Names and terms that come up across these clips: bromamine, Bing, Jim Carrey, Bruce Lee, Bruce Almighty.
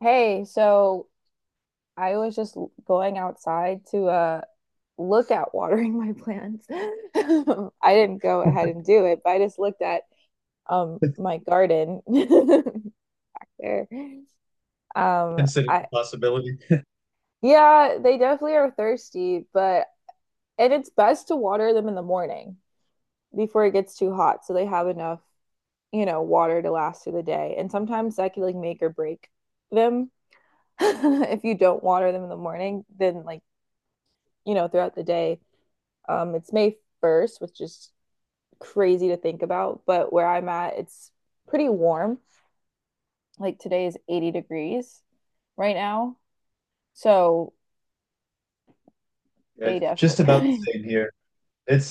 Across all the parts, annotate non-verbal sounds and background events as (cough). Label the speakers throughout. Speaker 1: Hey, so I was going outside to look at watering my plants. (laughs) I didn't go ahead
Speaker 2: (laughs)
Speaker 1: and do it, but I just looked at my garden (laughs) there.
Speaker 2: considering
Speaker 1: I
Speaker 2: the possibility.
Speaker 1: Yeah, they definitely are thirsty, but and it's best to water them in the morning before it gets too hot so they have enough, water to last through the day. And sometimes that can like make or break them. (laughs) If you don't water them in the morning, then throughout the day. It's May 1st, which is crazy to think about, but where I'm at, it's pretty warm. Like today is 80 degrees right now. So
Speaker 2: Yeah,
Speaker 1: they
Speaker 2: it's just about the
Speaker 1: definitely,
Speaker 2: same here.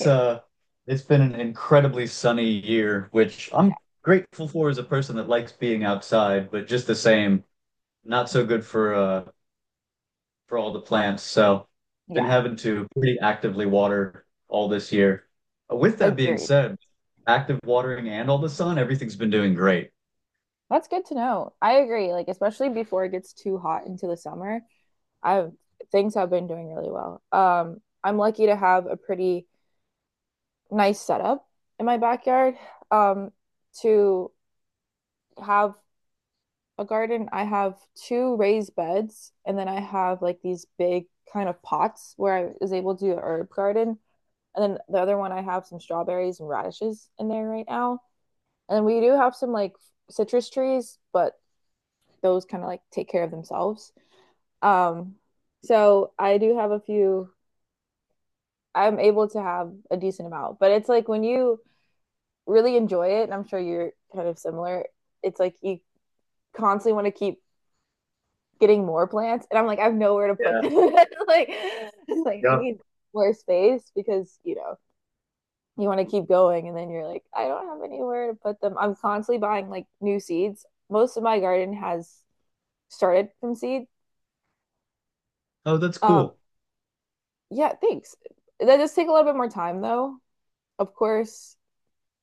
Speaker 1: (laughs) okay.
Speaker 2: uh it's been an incredibly sunny year, which
Speaker 1: Yeah.
Speaker 2: I'm grateful for as a person that likes being outside, but just the same, not so good for all the plants. So been
Speaker 1: Yeah.
Speaker 2: having to pretty actively water all this year. With that being
Speaker 1: Agreed.
Speaker 2: said, active watering and all the sun, everything's been doing great.
Speaker 1: That's good to know. I agree. Like, especially before it gets too hot into the summer, I've things have been doing really well. I'm lucky to have a pretty nice setup in my backyard, um, to have a garden. I have 2 raised beds, and then I have like these big kind of pots where I was able to do an herb garden. And then the other one, I have some strawberries and radishes in there right now. And we do have some like citrus trees, but those kind of like take care of themselves. Um, so I do have a few, I'm able to have a decent amount, but it's like when you really enjoy it, and I'm sure you're kind of similar, it's like you constantly want to keep getting more plants and I'm like I have nowhere to put
Speaker 2: Yeah.
Speaker 1: them. (laughs) like like I
Speaker 2: Yep.
Speaker 1: need more space because, you know, you want to keep going and then you're like I don't have anywhere to put them. I'm constantly buying like new seeds. Most of my garden has started from seed.
Speaker 2: Oh, that's
Speaker 1: Um,
Speaker 2: cool.
Speaker 1: yeah, thanks. That does take a little bit more time though. Of course,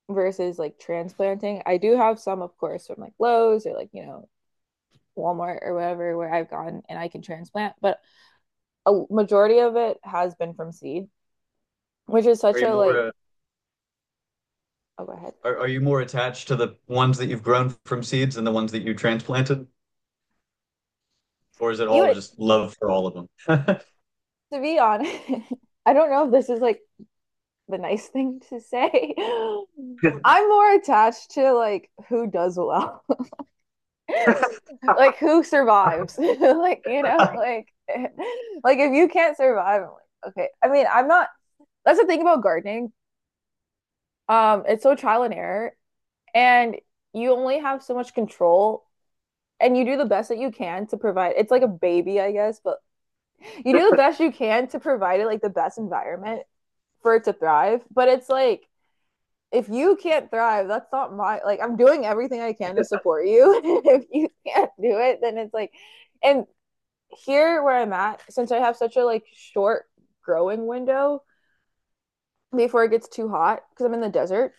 Speaker 1: versus like transplanting. I do have some, of course, from like Lowe's or like, you know, Walmart or whatever where I've gone and I can transplant, but a majority of it has been from seed, which is
Speaker 2: Are
Speaker 1: such
Speaker 2: you
Speaker 1: a
Speaker 2: more
Speaker 1: like
Speaker 2: uh?
Speaker 1: oh go ahead.
Speaker 2: Are you more attached to the ones that you've grown from seeds than the ones that you transplanted? Or is it
Speaker 1: You
Speaker 2: all
Speaker 1: would,
Speaker 2: just love for all of them?
Speaker 1: to be honest, (laughs) I don't know if this is like the nice (laughs) thing to say. (gasps) (laughs) I'm more attached to like who does well, (laughs) like who survives. (laughs) Like, you know, like (laughs) like if you can't survive I'm like okay, I'm not. That's the thing about gardening. Um, it's so trial and error, and you only have so much control, and you do the best that you can to provide. It's like a baby, I guess, but you do the best you can to provide it like the best environment for it to thrive. But it's like if you can't thrive, that's not my like. I'm doing everything I can to support you. (laughs) If you can't do it, then it's like, and here where I'm at, since I have such a like short growing window before it gets too hot, because I'm in the desert.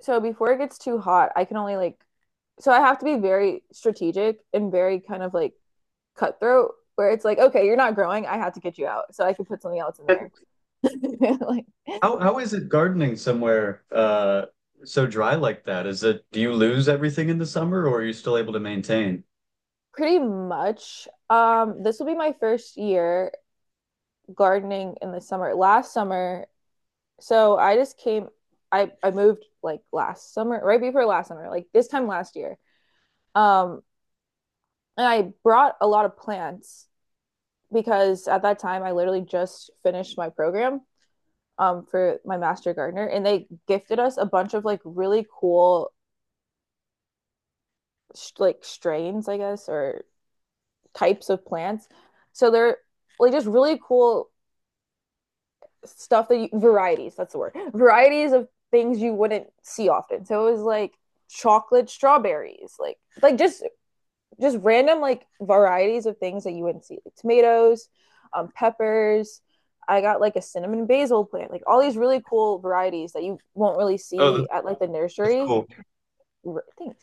Speaker 1: So before it gets too hot, I can only like, so I have to be very strategic and very kind of like cutthroat where it's like, okay, you're not growing, I have to get you out. So I can put something else in there.
Speaker 2: (laughs)
Speaker 1: (laughs) Like
Speaker 2: How is it gardening somewhere so dry like that? Is it do you lose everything in the summer or are you still able to maintain?
Speaker 1: pretty much. This will be my first year gardening in the summer. Last summer, so I just came I moved like last summer, right before last summer, like this time last year. Um, and I brought a lot of plants because at that time I literally just finished my program, for my master gardener, and they gifted us a bunch of like really cool like strains, I guess, or types of plants. So they're like just really cool stuff varieties, that's the word. Varieties of things you wouldn't see often. So it was like chocolate strawberries, like just random like varieties of things that you wouldn't see, like tomatoes, peppers. I got like a cinnamon basil plant, like all these really cool varieties that you won't really
Speaker 2: Oh,
Speaker 1: see at like the
Speaker 2: that's
Speaker 1: nursery
Speaker 2: cool.
Speaker 1: things.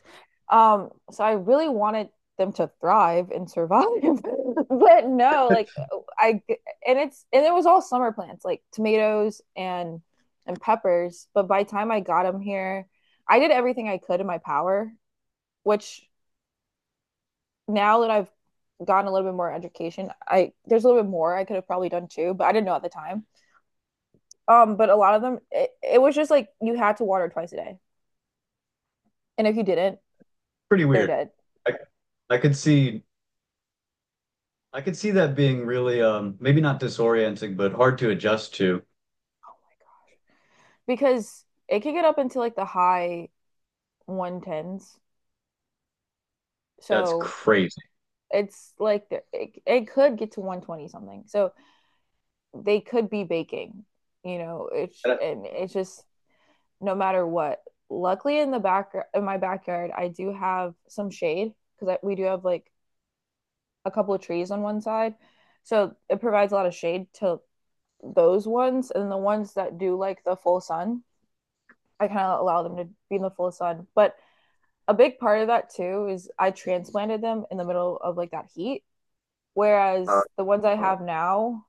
Speaker 1: So I really wanted them to thrive and survive, (laughs) but no, like I and it was all summer plants like tomatoes and peppers. But by the time I got them here, I did everything I could in my power. Which now that I've gotten a little bit more education, I there's a little bit more I could have probably done too, but I didn't know at the time. But a lot of them, it was just like you had to water 2 times a day, and if you didn't,
Speaker 2: Pretty
Speaker 1: they're
Speaker 2: weird.
Speaker 1: dead.
Speaker 2: I I could see I could see that being really maybe not disorienting but hard to adjust to.
Speaker 1: Because it could get up into like the high 110s.
Speaker 2: That's
Speaker 1: So
Speaker 2: crazy.
Speaker 1: it's like it could get to 120 something. So they could be baking, you know, it's
Speaker 2: That-
Speaker 1: and it's just no matter what. Luckily in the back in my backyard, I do have some shade because we do have like a couple of trees on one side. So it provides a lot of shade to those ones, and the ones that do like the full sun, I kind of allow them to be in the full sun, but a big part of that too is I transplanted them in the middle of like that heat.
Speaker 2: Uh,
Speaker 1: Whereas the ones I
Speaker 2: uh,
Speaker 1: have now,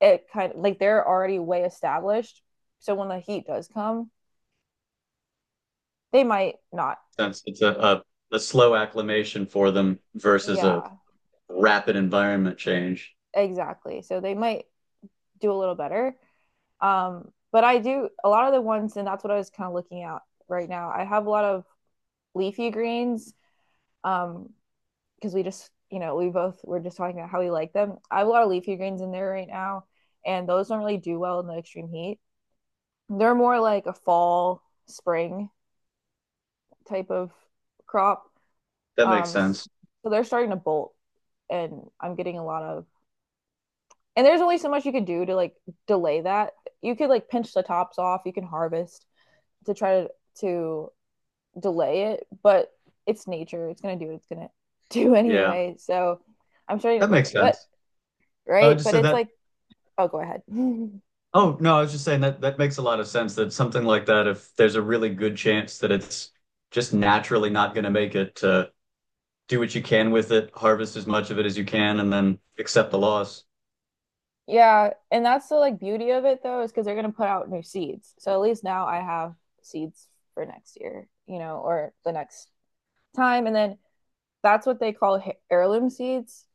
Speaker 1: it kind of like they're already way established. So when the heat does come, they might not.
Speaker 2: That's a a slow acclimation for them versus a
Speaker 1: Yeah,
Speaker 2: rapid environment change.
Speaker 1: exactly. So they might do a little better. But I do a lot of the ones, and that's what I was kind of looking at right now. I have a lot of leafy greens, um, because we just you know we both were just talking about how we like them. I have a lot of leafy greens in there right now, and those don't really do well in the extreme heat. They're more like a fall, spring type of crop.
Speaker 2: That makes
Speaker 1: Um,
Speaker 2: sense.
Speaker 1: so they're starting to bolt, and I'm getting a lot of. And there's only so much you could do to like delay that. You could like pinch the tops off. You can harvest to try to delay it, but it's nature. It's gonna do what it's gonna (laughs) do
Speaker 2: Yeah,
Speaker 1: anyway. So I'm starting,
Speaker 2: that makes
Speaker 1: but
Speaker 2: sense. I
Speaker 1: right,
Speaker 2: just
Speaker 1: but
Speaker 2: said
Speaker 1: it's
Speaker 2: that.
Speaker 1: like oh, go ahead. (laughs)
Speaker 2: Oh, no, I was just saying that that makes a lot of sense that something like that, if there's a really good chance that it's just naturally not going to make it, do what you can with it, harvest as much of it as you can, and then accept the loss.
Speaker 1: Yeah, and that's the like beauty of it though, is because they're gonna put out new seeds. So at least now I have seeds for next year, you know, or the next time. And then that's what they call heirloom seeds,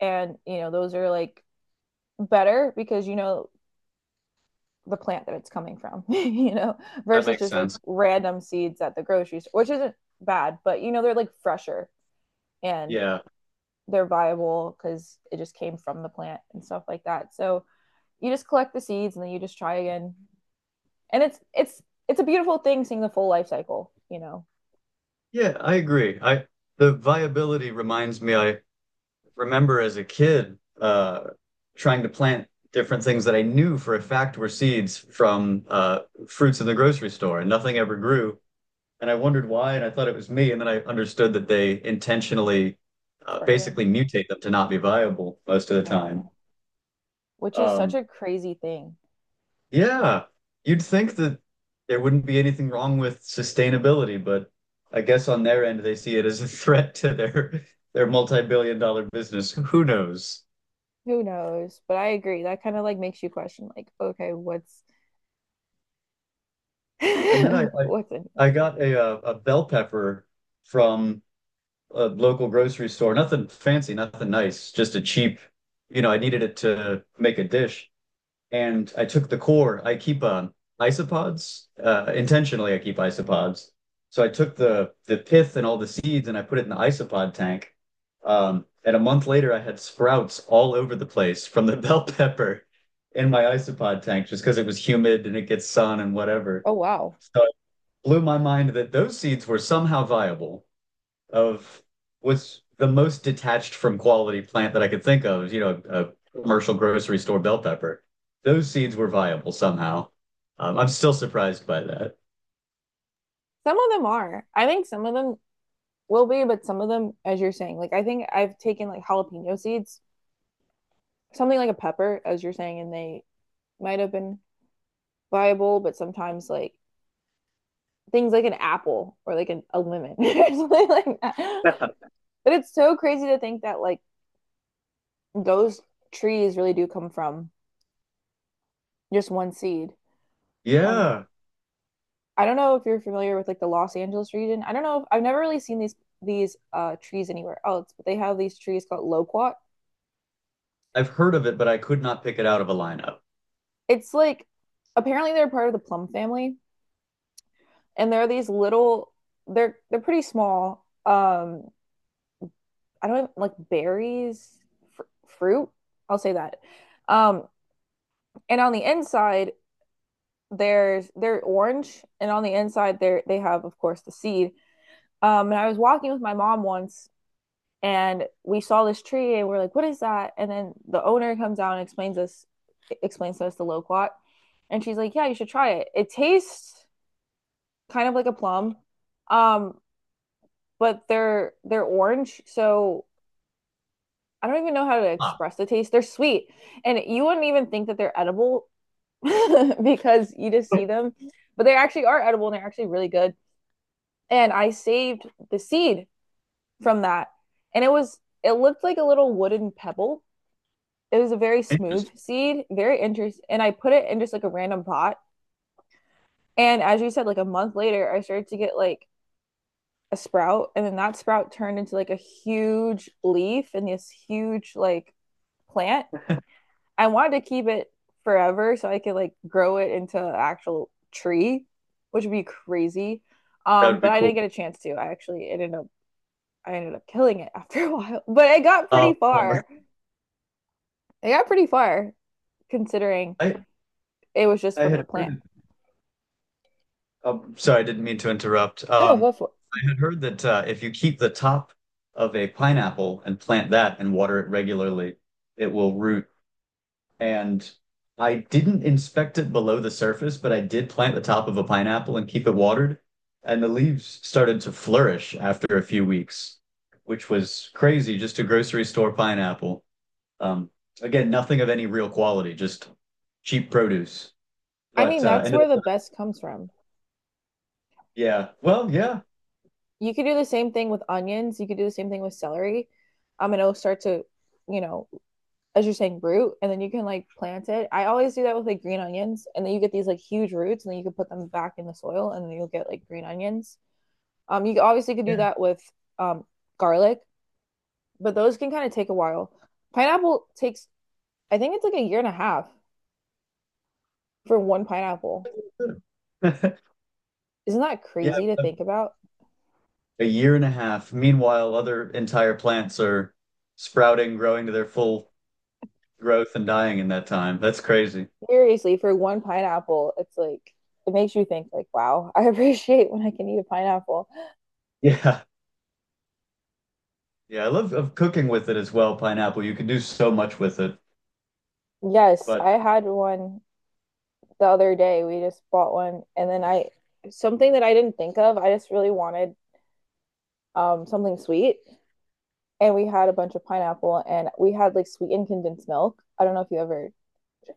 Speaker 1: and you know those are like better because you know the plant that it's coming from, (laughs) you know,
Speaker 2: That
Speaker 1: versus
Speaker 2: makes
Speaker 1: just like
Speaker 2: sense.
Speaker 1: random seeds at the grocery store, which isn't bad, but you know they're like fresher, and
Speaker 2: Yeah.
Speaker 1: they're viable because it just came from the plant and stuff like that. So you just collect the seeds and then you just try again. And it's a beautiful thing seeing the full life cycle, you know,
Speaker 2: Yeah, I agree. I The viability reminds me I remember as a kid trying to plant different things that I knew for a fact were seeds from fruits in the grocery store, and nothing ever grew. And I wondered why, and I thought it was me. And then I understood that they intentionally
Speaker 1: spray them.
Speaker 2: basically mutate them to not be viable most of the time.
Speaker 1: Mhm. Which is such
Speaker 2: Um,
Speaker 1: a crazy thing.
Speaker 2: yeah, you'd think that there wouldn't be anything wrong with sustainability, but I guess on their end, they see it as a threat to their multi-billion-dollar business. Who knows?
Speaker 1: Who knows? But I agree. That kind of like makes you question like, okay, what's
Speaker 2: And then I,
Speaker 1: (laughs)
Speaker 2: I
Speaker 1: what's in this?
Speaker 2: I got a bell pepper from a local grocery store. Nothing fancy, nothing nice, just a cheap, you know, I needed it to make a dish. And I took the core. I keep isopods. Intentionally, I keep isopods. So I took the pith and all the seeds and I put it in the isopod tank. And a month later, I had sprouts all over the place from the (laughs) bell pepper in my isopod tank just because it was humid and it gets sun and whatever.
Speaker 1: Oh wow.
Speaker 2: So blew my mind that those seeds were somehow viable of was the most detached from quality plant that I could think of, you know, a commercial grocery store bell pepper. Those seeds were viable somehow. I'm still surprised by that.
Speaker 1: Some of them are. I think some of them will be, but some of them, as you're saying, like I think I've taken like jalapeno seeds, something like a pepper, as you're saying, and they might have been viable, but sometimes like things like an apple or like a lemon (laughs) or something like that.
Speaker 2: (laughs)
Speaker 1: But it's so crazy to think that like those trees really do come from just one seed. Um,
Speaker 2: Yeah,
Speaker 1: I don't know if you're familiar with like the Los Angeles region. I don't know if I've never really seen these trees anywhere else, but they have these trees called loquat.
Speaker 2: I've heard of it, but I could not pick it out of a lineup.
Speaker 1: It's like apparently they're part of the plum family, and they're these little they're pretty small. I don't even, like berries, fruit. I'll say that. Um, And on the inside, there's they're orange, and on the inside, there they have, of course, the seed. And I was walking with my mom once, and we saw this tree, and we're like, "What is that?" And then the owner comes out and explains to us the loquat, and she's like, "Yeah, you should try it. It tastes kind of like a plum, um, but they're orange, so I don't even know how to
Speaker 2: Ah,
Speaker 1: express the taste. They're sweet, and you wouldn't even think that they're edible (laughs) because you just see them, but they actually are edible and they're actually really good. And I saved the seed from that, and it looked like a little wooden pebble. It was a very smooth
Speaker 2: interesting.
Speaker 1: seed, very interesting. And I put it in just like a random pot. And as you said, like a month later, I started to get like a sprout, and then that sprout turned into like a huge leaf and this huge like plant. I wanted to keep it forever so I could like grow it into an actual tree, which would be crazy.
Speaker 2: That
Speaker 1: Um,
Speaker 2: would
Speaker 1: but
Speaker 2: be
Speaker 1: I
Speaker 2: cool.
Speaker 1: didn't get a chance to. I ended up killing it (laughs) after a while. But it got
Speaker 2: Uh,
Speaker 1: pretty far. It got pretty far considering
Speaker 2: I
Speaker 1: it was just
Speaker 2: I
Speaker 1: from the
Speaker 2: had
Speaker 1: plant.
Speaker 2: heard, oh, sorry, I didn't mean to interrupt.
Speaker 1: I don't go for it.
Speaker 2: I had heard that if you keep the top of a pineapple and plant that and water it regularly, it will root. And I didn't inspect it below the surface, but I did plant the top of a pineapple and keep it watered. And the leaves started to flourish after a few weeks, which was crazy. Just a grocery store pineapple. Um, again, nothing of any real quality, just cheap produce.
Speaker 1: I mean,
Speaker 2: But uh,
Speaker 1: that's
Speaker 2: ended
Speaker 1: where
Speaker 2: up,
Speaker 1: the best comes from.
Speaker 2: yeah,
Speaker 1: You,
Speaker 2: yeah.
Speaker 1: you could do the same thing with onions. You could do the same thing with celery. And it'll start to, you know, as you're saying, root, and then you can like plant it. I always do that with like green onions, and then you get these like huge roots, and then you can put them back in the soil, and then you'll get like green onions. You obviously could do
Speaker 2: Yeah.
Speaker 1: that with um garlic, but those can kind of take a while. Pineapple takes, I think, it's like a year and a half for one pineapple.
Speaker 2: (laughs)
Speaker 1: Isn't that
Speaker 2: Yeah,
Speaker 1: crazy to think about?
Speaker 2: a year and a half. Meanwhile, other entire plants are sprouting, growing to their full growth and dying in that time. That's crazy. (laughs)
Speaker 1: Seriously, for one pineapple, it's like it makes you think like, wow. (laughs) I appreciate when I can eat a pineapple.
Speaker 2: Yeah. Yeah, I love of cooking with it as well, pineapple. You can do so much with it.
Speaker 1: Yes,
Speaker 2: But
Speaker 1: I had one the other day. We just bought one, and then I, something that I didn't think of, I just really wanted something sweet, and we had a bunch of pineapple and we had like sweetened condensed milk. I don't know if you ever,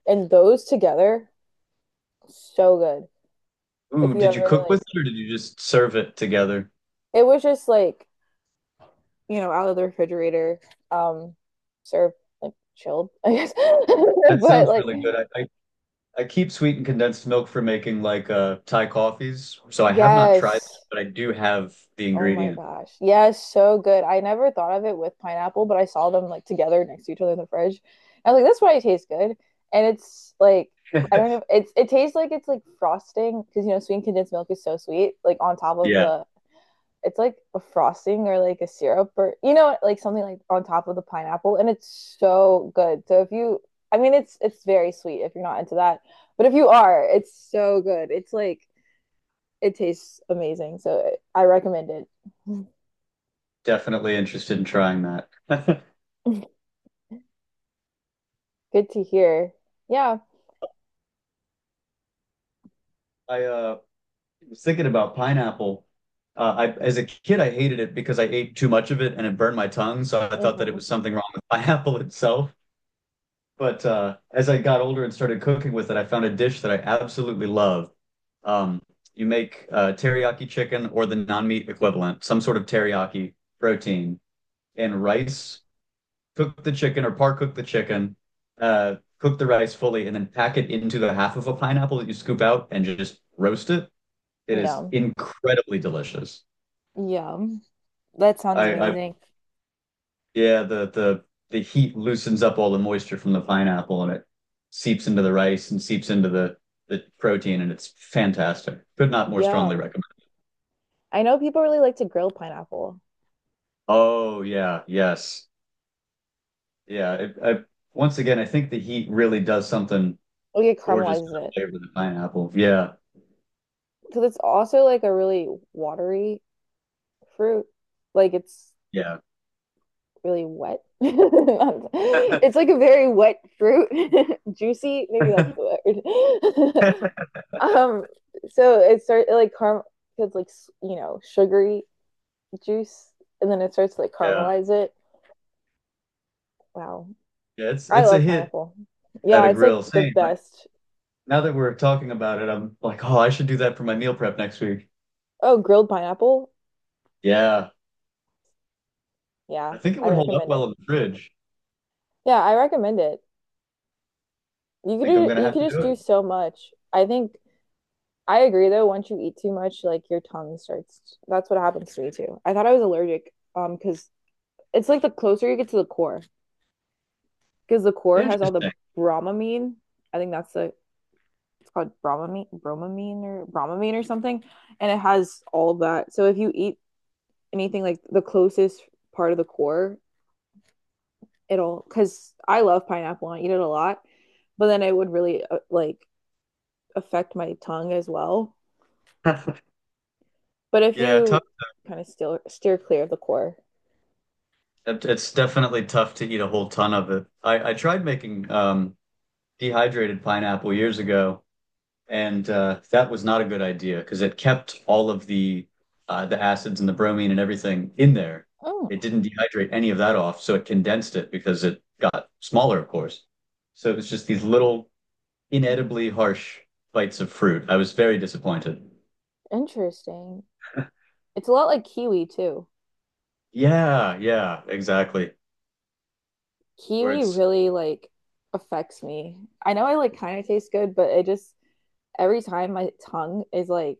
Speaker 1: and those together, so good. If
Speaker 2: ooh,
Speaker 1: you
Speaker 2: did you
Speaker 1: ever
Speaker 2: cook
Speaker 1: like,
Speaker 2: with it or did you just serve it together?
Speaker 1: it was just like, out of the refrigerator, um served like chilled, I guess. (laughs)
Speaker 2: That
Speaker 1: But
Speaker 2: sounds
Speaker 1: like,
Speaker 2: really good. I keep sweetened condensed milk for making like Thai coffees. So I have not tried
Speaker 1: yes.
Speaker 2: that, but I do have the
Speaker 1: Oh my
Speaker 2: ingredient.
Speaker 1: gosh. Yeah, so good. I never thought of it with pineapple, but I saw them like together next to each other in the fridge. I was like, that's why it tastes good. And it's like, I
Speaker 2: (laughs)
Speaker 1: don't know. It tastes like it's like frosting because sweet condensed milk is so sweet. Like on top of
Speaker 2: Yeah,
Speaker 1: the, it's like a frosting or like a syrup, or like something like on top of the pineapple, and it's so good. So if you, I mean, it's very sweet if you're not into that, but if you are, it's so good. It's like it tastes amazing. So I recommend it. (laughs)
Speaker 2: definitely interested in trying that. (laughs)
Speaker 1: Good to hear. Yeah.
Speaker 2: I was thinking about pineapple. I, as a kid, I hated it because I ate too much of it and it burned my tongue. So I thought that it
Speaker 1: Hmm.
Speaker 2: was something wrong with (laughs) pineapple itself. But as I got older and started cooking with it, I found a dish that I absolutely love. Um, you make teriyaki chicken or the non-meat equivalent, some sort of teriyaki protein, and rice. Cook the chicken or par cook the chicken. Cook the rice fully and then pack it into the half of a pineapple that you scoop out and just roast it. It is
Speaker 1: Yum.
Speaker 2: incredibly delicious.
Speaker 1: Yum. That sounds
Speaker 2: I
Speaker 1: amazing.
Speaker 2: Yeah, the the heat loosens up all the moisture from the pineapple and it seeps into the rice and seeps into the protein and it's fantastic. Could not more strongly
Speaker 1: Yum.
Speaker 2: recommend.
Speaker 1: I know people really like to grill pineapple.
Speaker 2: Oh yeah, yes. Yeah, it, I Once again, I think the heat really does something
Speaker 1: Like it
Speaker 2: gorgeous to
Speaker 1: caramelizes
Speaker 2: the
Speaker 1: it.
Speaker 2: flavor of the pineapple. Yeah.
Speaker 1: Because it's also like a really watery fruit. Like it's
Speaker 2: Yeah.
Speaker 1: really wet. (laughs) It's like a very wet fruit. (laughs) Juicy, maybe that's
Speaker 2: (laughs)
Speaker 1: the word. (laughs) Um, so it starts like caram it's like sugary juice, and then it starts to like
Speaker 2: Yeah.
Speaker 1: caramelize it. Wow.
Speaker 2: Yeah, it's
Speaker 1: I
Speaker 2: it's a
Speaker 1: love
Speaker 2: hit
Speaker 1: pineapple.
Speaker 2: at
Speaker 1: Yeah,
Speaker 2: a
Speaker 1: it's like
Speaker 2: grill.
Speaker 1: the
Speaker 2: Same. Like,
Speaker 1: best.
Speaker 2: now that we're talking about it, I'm like, "Oh, I should do that for my meal prep next week."
Speaker 1: Oh, grilled pineapple.
Speaker 2: Yeah.
Speaker 1: Yeah,
Speaker 2: I think it
Speaker 1: I
Speaker 2: would hold up
Speaker 1: recommend
Speaker 2: well
Speaker 1: it.
Speaker 2: in the fridge.
Speaker 1: Yeah, I recommend it. You could
Speaker 2: I think I'm
Speaker 1: do,
Speaker 2: gonna
Speaker 1: you
Speaker 2: have
Speaker 1: could
Speaker 2: to
Speaker 1: just
Speaker 2: do
Speaker 1: do
Speaker 2: it.
Speaker 1: so much. I think I agree though, once you eat too much, like your tongue starts. That's what happens to me too. I thought I was allergic because it's like the closer you get to the core because the core has all the
Speaker 2: Interesting.
Speaker 1: bromamine. I think that's the it's called bromamine, bromamine or bromamine or something, and it has all that. So if you eat anything like the closest part of the core, it'll because I love pineapple. I eat it a lot, but then it would really like affect my tongue as well.
Speaker 2: (laughs)
Speaker 1: But if
Speaker 2: Yeah, tough.
Speaker 1: you kind of steer clear of the core.
Speaker 2: It- It's definitely tough to eat a whole ton of it. I tried making dehydrated pineapple years ago, and that was not a good idea because it kept all of the acids and the bromine and everything in there.
Speaker 1: Oh,
Speaker 2: It didn't dehydrate any of that off, so it condensed it because it got smaller, of course. So it was just these little inedibly harsh bites of fruit. I was very disappointed.
Speaker 1: interesting. It's a lot like kiwi too.
Speaker 2: Yeah, yeah, exactly. Where
Speaker 1: Kiwi
Speaker 2: it's
Speaker 1: really like affects me. I know I like kind of taste good, but it just every time my tongue is like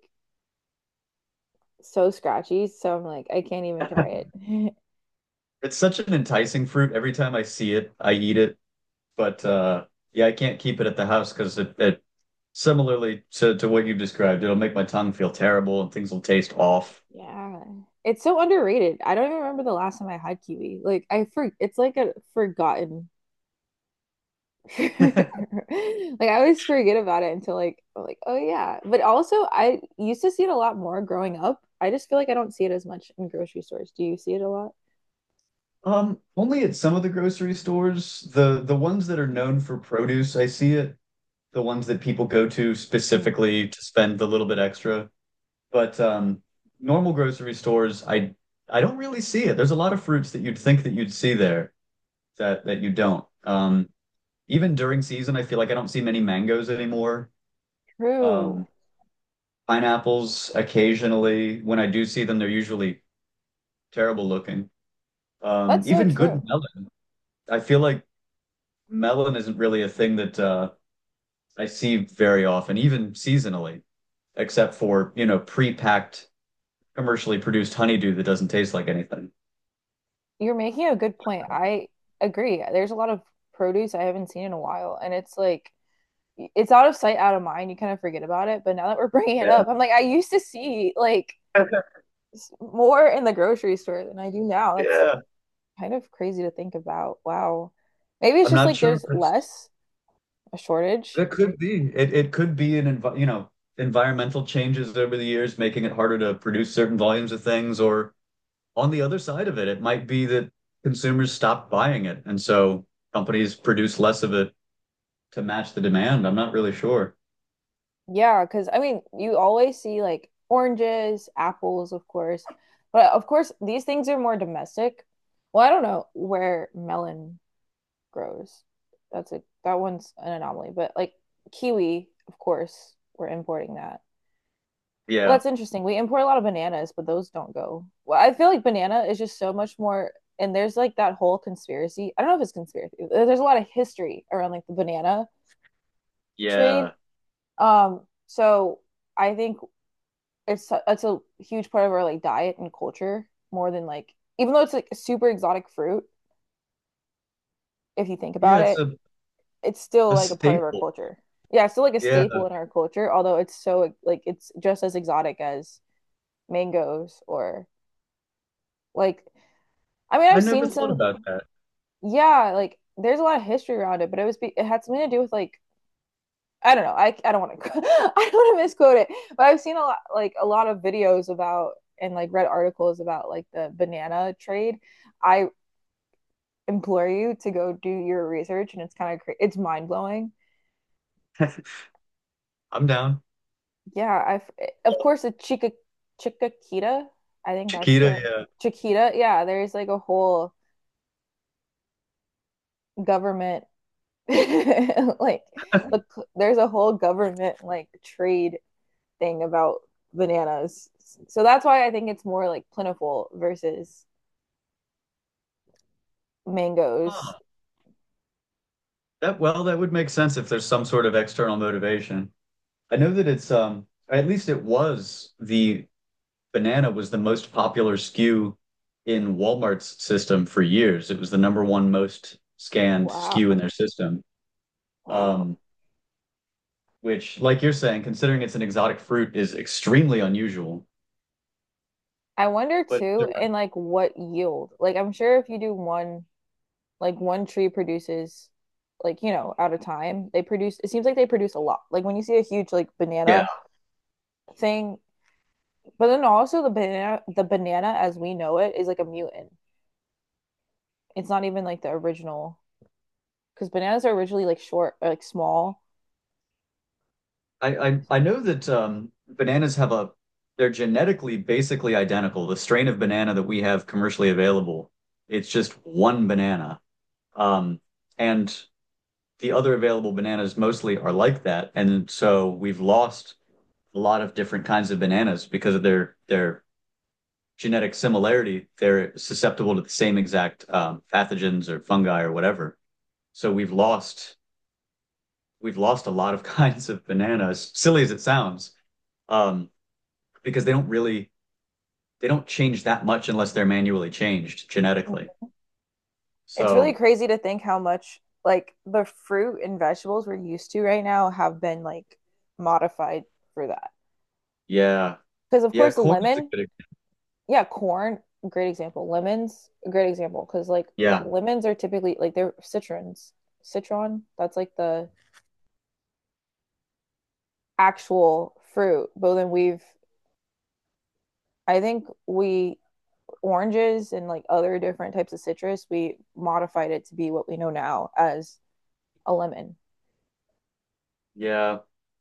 Speaker 1: so scratchy, so I'm like I can't even try it.
Speaker 2: it's such an enticing fruit. Every time I see it, I eat it. But yeah, I can't keep it at the house because it similarly to what you described, it'll make my tongue feel terrible and things will taste off.
Speaker 1: (laughs) Yeah. It's so underrated. I don't even remember the last time I had kiwi. Like I for it's like a forgotten (laughs) like
Speaker 2: (laughs)
Speaker 1: I always forget about it until like I'm like, oh yeah. But also I used to see it a lot more growing up. I just feel like I don't see it as much in grocery stores. Do you see it a lot?
Speaker 2: Only at some of the grocery stores, the ones that are known for produce, I see it. The ones that people go to
Speaker 1: Mm.
Speaker 2: specifically to spend the little bit extra. But normal grocery stores, I don't really see it. There's a lot of fruits that you'd think that you'd see there that you don't. Even during season, I feel like I don't see many mangoes anymore. Um,
Speaker 1: True.
Speaker 2: pineapples occasionally. When I do see them, they're usually terrible looking.
Speaker 1: That's so
Speaker 2: Even good
Speaker 1: true.
Speaker 2: melon. I feel like melon isn't really a thing that I see very often, even seasonally, except for, you know, pre-packed, commercially produced honeydew that doesn't taste like anything.
Speaker 1: You're making a good point. I agree. There's a lot of produce I haven't seen in a while, and it's like it's out of sight, out of mind. You kind of forget about it. But now that we're (laughs) bringing it up, I'm like, I used to see like
Speaker 2: Yeah.
Speaker 1: more in the grocery store than I do now. That's
Speaker 2: Yeah,
Speaker 1: kind of crazy to think about. Wow. Maybe it's
Speaker 2: I'm
Speaker 1: just
Speaker 2: not
Speaker 1: like
Speaker 2: sure
Speaker 1: there's
Speaker 2: if
Speaker 1: less a shortage.
Speaker 2: it could be. It could be an envi you know, environmental changes over the years, making it harder to produce certain volumes of things, or on the other side of it, it might be that consumers stop buying it, and so companies produce less of it to match the demand. I'm not really sure.
Speaker 1: Yeah, because I mean, you always see like oranges, apples, of course. But of course, these things are more domestic. Well, I don't know where melon grows. That one's an anomaly, but like kiwi, of course, we're importing that. Well,
Speaker 2: Yeah,
Speaker 1: that's interesting. We import a lot of bananas, but those don't go. Well, I feel like banana is just so much more, and there's like that whole conspiracy. I don't know if it's conspiracy. There's a lot of history around like the banana trade.
Speaker 2: yeah.
Speaker 1: So I think it's a huge part of our like diet and culture more than like even though it's like a super exotic fruit, if you think about
Speaker 2: Yeah, it's
Speaker 1: it,
Speaker 2: a,
Speaker 1: it's still
Speaker 2: a
Speaker 1: like a part of our
Speaker 2: staple.
Speaker 1: culture. Yeah, it's still like a
Speaker 2: Yeah.
Speaker 1: staple in our culture, although it's so like it's just as exotic as mangoes, or like, I mean,
Speaker 2: I
Speaker 1: I've
Speaker 2: never
Speaker 1: seen
Speaker 2: thought
Speaker 1: some,
Speaker 2: about that.
Speaker 1: yeah, like there's a lot of history around it, but it had something to do with like, I don't know. I don't want to (laughs) I don't want to misquote it, but I've seen a lot like a lot of videos about and like read articles about like the banana trade. I implore you to go do your research, and it's kind of it's mind blowing.
Speaker 2: (laughs) I'm down.
Speaker 1: Yeah, I've of course the Chica Chiquita. I think that's
Speaker 2: Chiquita,
Speaker 1: the
Speaker 2: yeah.
Speaker 1: Chiquita. Yeah, there's like a whole government (laughs) like the there's a whole government like trade thing about bananas. So that's why I think it's more like plentiful versus mangoes.
Speaker 2: Huh. That well, that would make sense if there's some sort of external motivation. I know that it's at least it was the banana was the most popular SKU in Walmart's system for years. It was the #1 most scanned SKU in their
Speaker 1: Wow.
Speaker 2: system.
Speaker 1: Wow.
Speaker 2: Um, which, like you're saying, considering it's an exotic fruit, is extremely unusual.
Speaker 1: I wonder
Speaker 2: But
Speaker 1: too,
Speaker 2: there
Speaker 1: and like what yield. Like I'm sure if you do one, like one tree produces, like, at a time, they produce, it seems like they produce a lot. Like when you see a huge like
Speaker 2: Yeah,
Speaker 1: banana thing, but then also the banana as we know it is like a mutant. It's not even like the original because bananas are originally like short or like small.
Speaker 2: I know that bananas have a they're genetically basically identical. The strain of banana that we have commercially available, it's just one banana. Um, and the other available bananas mostly are like that. And so we've lost a lot of different kinds of bananas because of their genetic similarity. They're susceptible to the same exact pathogens or fungi or whatever. So we've lost a lot of (laughs) kinds of bananas. Silly as it sounds, um, because they don't really they don't change that much unless they're manually changed genetically.
Speaker 1: Mhm. It's really
Speaker 2: So
Speaker 1: crazy to think how much like the fruit and vegetables we're used to right now have been like modified for that.
Speaker 2: yeah,
Speaker 1: Because of
Speaker 2: yeah,
Speaker 1: course the
Speaker 2: corn is a
Speaker 1: lemon,
Speaker 2: good. Example.
Speaker 1: yeah, corn, great example. Lemons, a great example because like
Speaker 2: Yeah.
Speaker 1: lemons are typically like they're citrons. Citron, that's like the actual fruit. But then we've, I think we, oranges and like other different types of citrus, we modified it to be what we know now as a lemon.
Speaker 2: Yeah.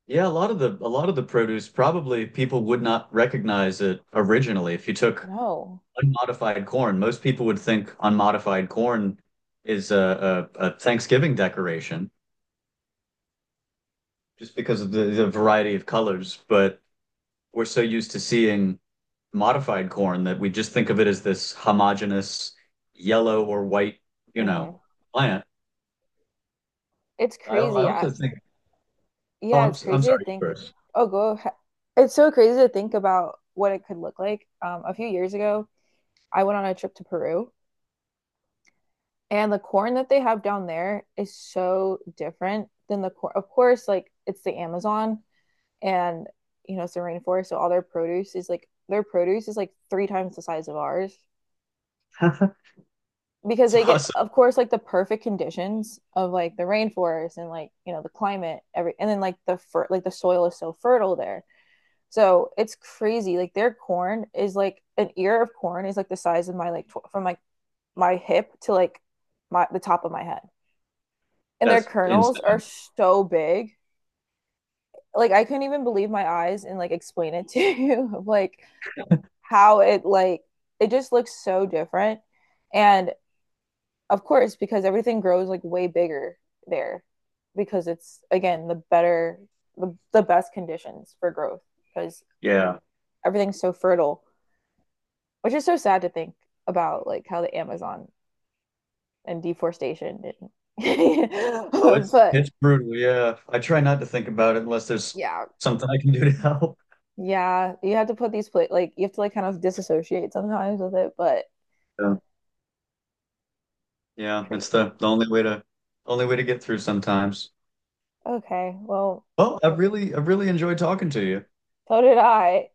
Speaker 2: Yeah, a lot of the produce probably people would not recognize it originally. If you took
Speaker 1: No.
Speaker 2: unmodified corn, most people would think unmodified corn is a Thanksgiving decoration just because of the variety of colors. But we're so used to seeing modified corn that we just think of it as this homogeneous yellow or white, you know,
Speaker 1: Hmm.
Speaker 2: plant.
Speaker 1: It's
Speaker 2: I
Speaker 1: crazy. I,
Speaker 2: also think, oh,
Speaker 1: yeah, it's
Speaker 2: I'm
Speaker 1: crazy to
Speaker 2: sorry, you
Speaker 1: think.
Speaker 2: first.
Speaker 1: Oh, go. It's so crazy to think about what it could look like. A few years ago, I went on a trip to Peru, and the corn that they have down there is so different than the corn. Of course, like it's the Amazon, and it's the rainforest. So all their produce is like three times the size of ours
Speaker 2: (laughs)
Speaker 1: because
Speaker 2: It's
Speaker 1: they get,
Speaker 2: awesome.
Speaker 1: of course, like the perfect conditions of like the rainforest and like, the climate, and then like like the soil is so fertile there. So it's crazy. Like their corn is like an ear of corn is like the size of my like from like my hip to like my the top of my head, and their
Speaker 2: That's
Speaker 1: kernels are
Speaker 2: insane.
Speaker 1: so big. Like I couldn't even believe my eyes and like explain it to you (laughs) like how it like it just looks so different. And of course, because everything grows like way bigger there because it's again the best conditions for growth because
Speaker 2: Yeah.
Speaker 1: everything's so fertile, which is so sad to think about like how the Amazon and deforestation and
Speaker 2: Oh,
Speaker 1: (laughs) but
Speaker 2: it's brutal. Yeah, I try not to think about it unless there's
Speaker 1: yeah.
Speaker 2: something I can do to help.
Speaker 1: Yeah, you have to put these play like you have to like kind of disassociate sometimes with it, but
Speaker 2: Yeah, yeah, it's
Speaker 1: crazy.
Speaker 2: the only way to get through sometimes.
Speaker 1: Okay, well,
Speaker 2: Well, I've really enjoyed talking to you.
Speaker 1: so did I.